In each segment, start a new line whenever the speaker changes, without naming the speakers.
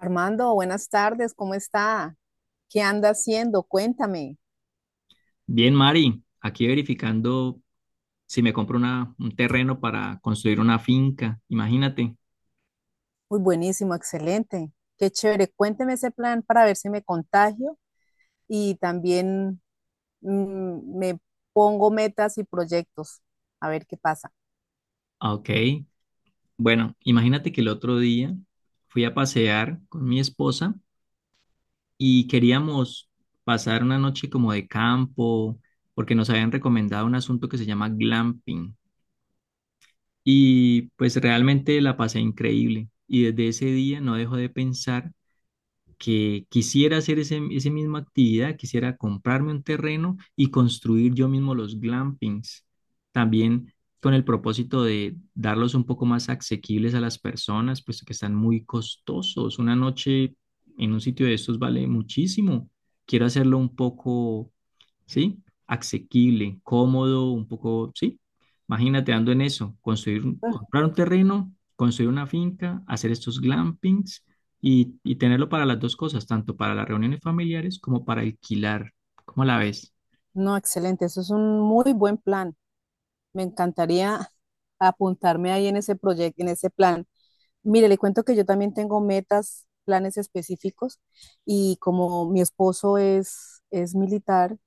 Armando, buenas tardes, ¿cómo está? ¿Qué anda haciendo? Cuéntame.
Bien, Mari, aquí verificando si me compro un terreno para construir una finca, imagínate.
Muy buenísimo, excelente. Qué chévere. Cuénteme ese plan para ver si me contagio y también me pongo metas y proyectos. A ver qué pasa.
Ok, bueno, imagínate que el otro día fui a pasear con mi esposa y queríamos pasar una noche como de campo, porque nos habían recomendado un asunto que se llama glamping. Y pues realmente la pasé increíble. Y desde ese día no dejo de pensar que quisiera hacer esa misma actividad, quisiera comprarme un terreno y construir yo mismo los glampings, también con el propósito de darlos un poco más asequibles a las personas, puesto que están muy costosos. Una noche en un sitio de estos vale muchísimo. Quiero hacerlo un poco, ¿sí? Asequible, cómodo, un poco, ¿sí? Imagínate ando en eso, construir, comprar un terreno, construir una finca, hacer estos glampings y tenerlo para las dos cosas, tanto para las reuniones familiares como para alquilar. ¿Cómo la ves?
No, excelente. Eso es un muy buen plan. Me encantaría apuntarme ahí en ese proyecto, en ese plan. Mire, le cuento que yo también tengo metas, planes específicos y como mi esposo es militar,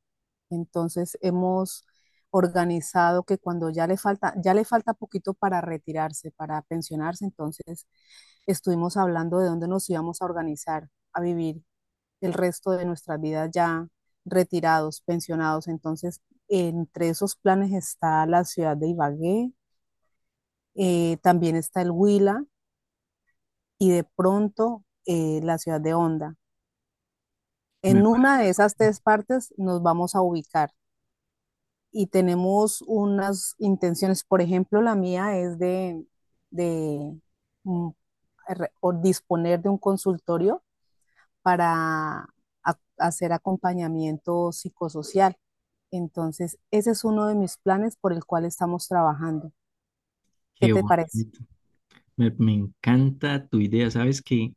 entonces hemos organizado que cuando ya le falta poquito para retirarse, para pensionarse, entonces estuvimos hablando de dónde nos íbamos a organizar a vivir el resto de nuestras vidas ya retirados, pensionados. Entonces, entre esos planes está la ciudad de Ibagué, también está el Huila y de pronto la ciudad de Honda.
Me
En una de
parece.
esas tres partes nos vamos a ubicar. Y tenemos unas intenciones, por ejemplo, la mía es de mm, re- o disponer de un consultorio para hacer acompañamiento psicosocial. Entonces, ese es uno de mis planes por el cual estamos trabajando. ¿Qué
Qué
te parece?
bonito. Me encanta tu idea. ¿Sabes que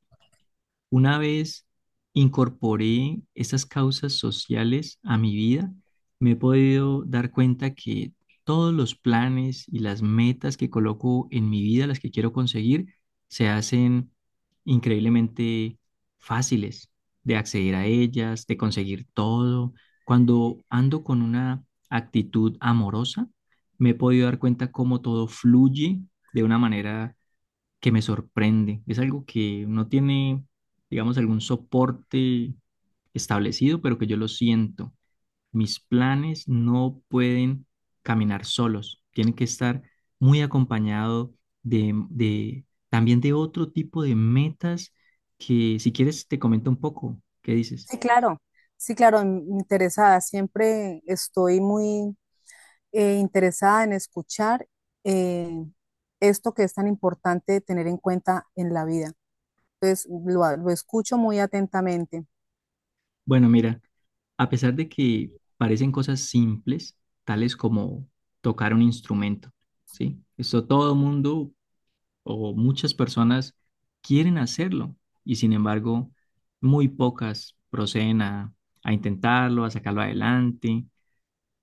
una vez incorporé esas causas sociales a mi vida, me he podido dar cuenta que todos los planes y las metas que coloco en mi vida, las que quiero conseguir, se hacen increíblemente fáciles de acceder a ellas, de conseguir todo? Cuando ando con una actitud amorosa, me he podido dar cuenta cómo todo fluye de una manera que me sorprende. Es algo que no tiene, digamos, algún soporte establecido, pero que yo lo siento. Mis planes no pueden caminar solos, tienen que estar muy acompañado de, también de otro tipo de metas que si quieres te comento un poco, ¿qué dices?
Sí, claro, sí, claro, interesada. Siempre estoy muy interesada en escuchar, eh, esto que es tan importante tener en cuenta en la vida. Entonces lo escucho muy atentamente.
Bueno, mira, a pesar de que parecen cosas simples, tales como tocar un instrumento, ¿sí? Esto todo mundo o muchas personas quieren hacerlo y sin embargo muy pocas proceden a intentarlo, a sacarlo adelante.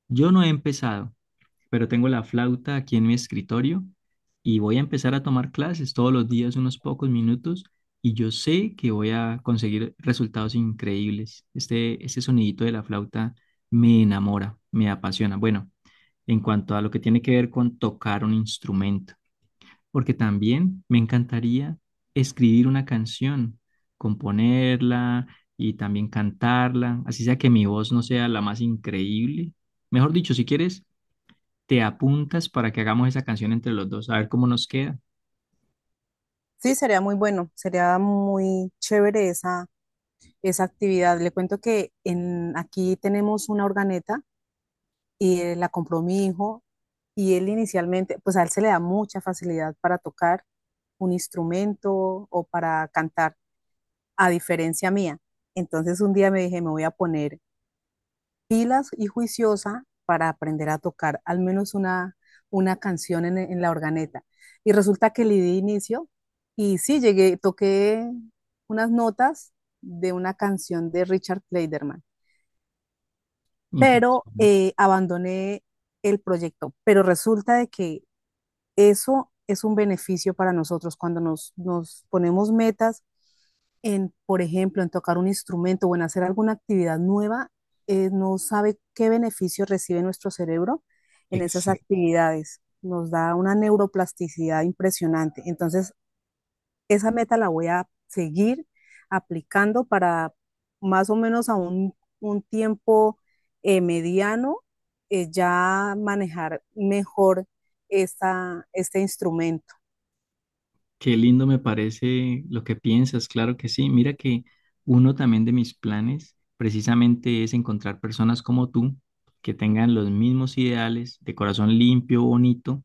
Yo no he empezado, pero tengo la flauta aquí en mi escritorio y voy a empezar a tomar clases todos los días unos pocos minutos y yo sé que voy a conseguir resultados increíbles. Este sonidito de la flauta me enamora, me apasiona. Bueno, en cuanto a lo que tiene que ver con tocar un instrumento, porque también me encantaría escribir una canción, componerla y también cantarla, así sea que mi voz no sea la más increíble. Mejor dicho, si quieres, te apuntas para que hagamos esa canción entre los dos, a ver cómo nos queda.
Sí, sería muy bueno, sería muy chévere esa actividad. Le cuento que en, aquí tenemos una organeta y la compró mi hijo, y él inicialmente, pues a él se le da mucha facilidad para tocar un instrumento o para cantar, a diferencia mía. Entonces un día me dije, me voy a poner pilas y juiciosa para aprender a tocar al menos una canción en la organeta. Y resulta que le di inicio y sí, llegué, toqué unas notas de una canción de Richard Clayderman, pero
Impresionante.
abandoné el proyecto. Pero resulta de que eso es un beneficio para nosotros cuando nos ponemos metas en, por ejemplo, en tocar un instrumento o en hacer alguna actividad nueva, no sabe qué beneficio recibe nuestro cerebro en esas
Exacto.
actividades. Nos da una neuroplasticidad impresionante. Entonces, esa meta la voy a seguir aplicando para más o menos un tiempo mediano, ya manejar mejor este instrumento.
Qué lindo me parece lo que piensas, claro que sí. Mira que uno también de mis planes precisamente es encontrar personas como tú que tengan los mismos ideales, de corazón limpio, bonito,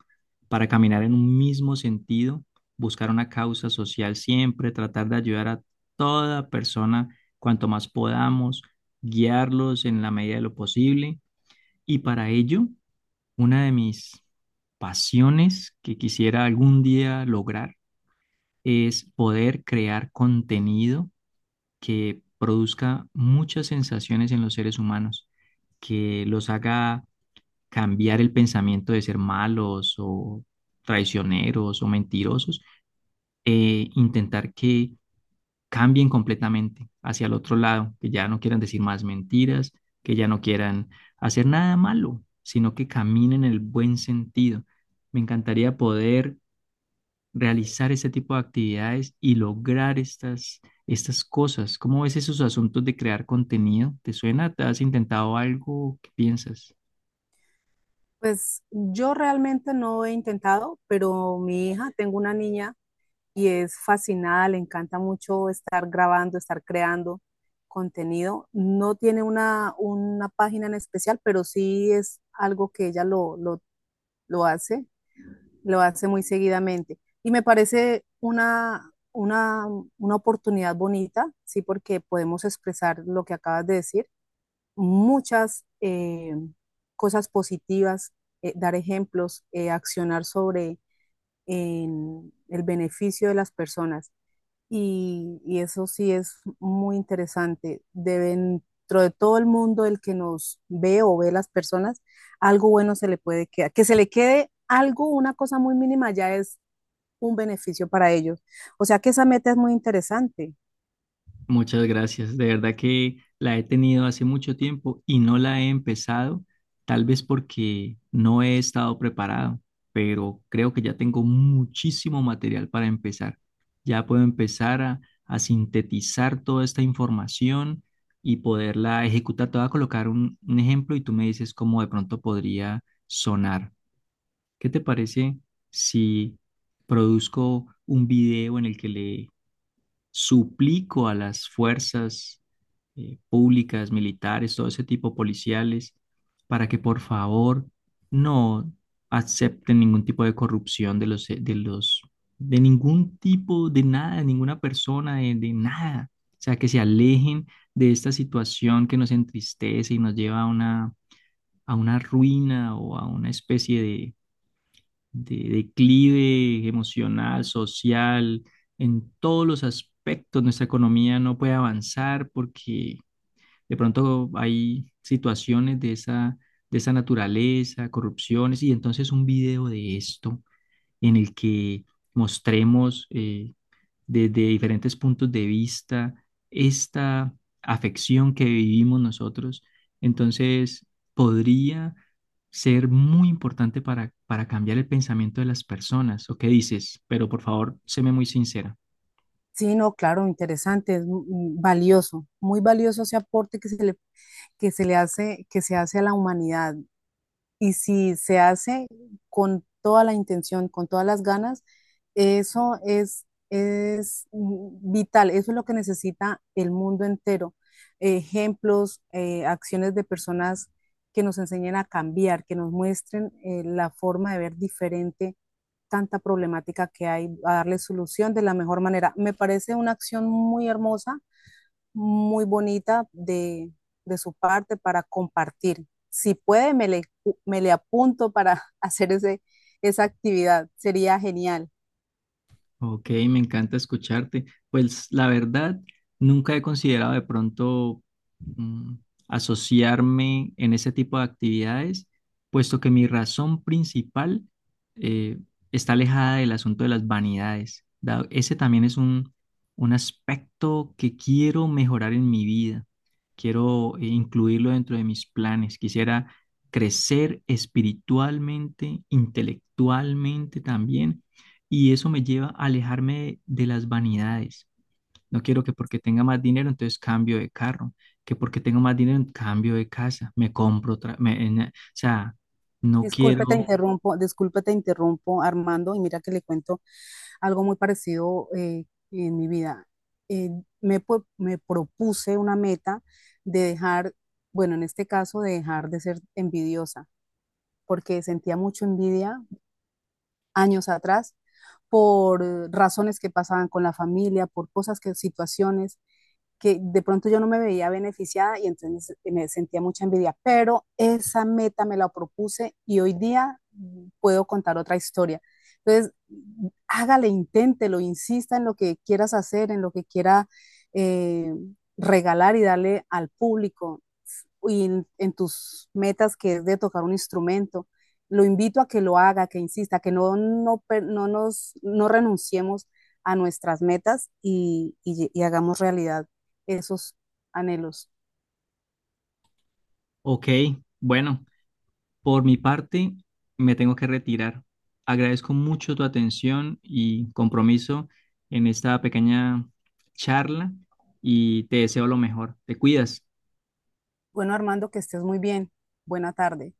para caminar en un mismo sentido, buscar una causa social siempre, tratar de ayudar a toda persona cuanto más podamos, guiarlos en la medida de lo posible. Y para ello, una de mis pasiones que quisiera algún día lograr es poder crear contenido que produzca muchas sensaciones en los seres humanos, que los haga cambiar el pensamiento de ser malos o traicioneros o mentirosos, e intentar que cambien completamente hacia el otro lado, que ya no quieran decir más mentiras, que ya no quieran hacer nada malo, sino que caminen en el buen sentido. Me encantaría poder realizar ese tipo de actividades y lograr estas cosas. ¿Cómo ves esos asuntos de crear contenido? ¿Te suena? ¿Te has intentado algo? ¿Qué piensas?
Pues yo realmente no he intentado, pero mi hija, tengo una niña y es fascinada, le encanta mucho estar grabando, estar creando contenido. No tiene una página en especial, pero sí es algo que ella lo hace, lo hace muy seguidamente. Y me parece una oportunidad bonita, sí, porque podemos expresar lo que acabas de decir muchas cosas positivas, dar ejemplos, accionar sobre en el beneficio de las personas. Eso sí es muy interesante. Dentro de todo el mundo, el que nos ve o ve las personas, algo bueno se le puede quedar. Que se le quede algo, una cosa muy mínima, ya es un beneficio para ellos. O sea que esa meta es muy interesante.
Muchas gracias. De verdad que la he tenido hace mucho tiempo y no la he empezado, tal vez porque no he estado preparado, pero creo que ya tengo muchísimo material para empezar. Ya puedo empezar a sintetizar toda esta información y poderla ejecutar. Te voy a colocar un ejemplo y tú me dices cómo de pronto podría sonar. ¿Qué te parece si produzco un video en el que le suplico a las fuerzas públicas, militares, todo ese tipo policiales, para que por favor no acepten ningún tipo de corrupción de ningún tipo, de nada, de ninguna persona, de nada? O sea, que se alejen de esta situación que nos entristece y nos lleva a una ruina o a una especie de declive emocional, social, en todos los aspectos. Nuestra economía no puede avanzar porque de pronto hay situaciones de de esa naturaleza, corrupciones, y entonces un video de esto en el que mostremos desde diferentes puntos de vista esta afección que vivimos nosotros, entonces podría ser muy importante para cambiar el pensamiento de las personas. ¿O qué dices? Pero por favor, séme muy sincera.
Sí, no, claro, interesante, es valioso, muy valioso ese aporte que se le hace, que se hace a la humanidad. Y si se hace con toda la intención, con todas las ganas, eso es vital, eso es lo que necesita el mundo entero. Ejemplos, acciones de personas que nos enseñen a cambiar, que nos muestren, la forma de ver diferente tanta problemática que hay, a darle solución de la mejor manera. Me parece una acción muy hermosa, muy bonita de su parte para compartir. Si puede, me le apunto para hacer esa actividad. Sería genial.
Ok, me encanta escucharte. Pues la verdad, nunca he considerado de pronto mm, asociarme en ese tipo de actividades, puesto que mi razón principal eh, está alejada del asunto de las vanidades. Ese también es un aspecto que quiero mejorar en mi vida. Quiero incluirlo dentro de mis planes. Quisiera crecer espiritualmente, intelectualmente también y eso me lleva a alejarme de las vanidades. No quiero que porque tenga más dinero, entonces cambio de carro, que porque tengo más dinero, cambio de casa, me compro otra, o sea, no quiero,
Disculpe, te interrumpo, Armando, y mira que le cuento algo muy parecido, en mi vida. Eh, me, me propuse una meta de dejar, bueno, en este caso, de dejar de ser envidiosa, porque sentía mucha envidia años atrás por razones que pasaban con la familia, por cosas que, situaciones que de pronto yo no me veía beneficiada y entonces me sentía mucha envidia, pero esa meta me la propuse y hoy día puedo contar otra historia. Entonces, hágale, inténtelo, insista en lo que quieras hacer, en lo que quiera eh, regalar y darle al público y en tus metas que es de tocar un instrumento, lo invito a que lo haga, que insista, que no, no, no renunciemos a nuestras metas y hagamos realidad esos anhelos.
ok, bueno, por mi parte, me tengo que retirar. Agradezco mucho tu atención y compromiso en esta pequeña charla y te deseo lo mejor. Te cuidas.
Bueno, Armando, que estés muy bien. Buena tarde.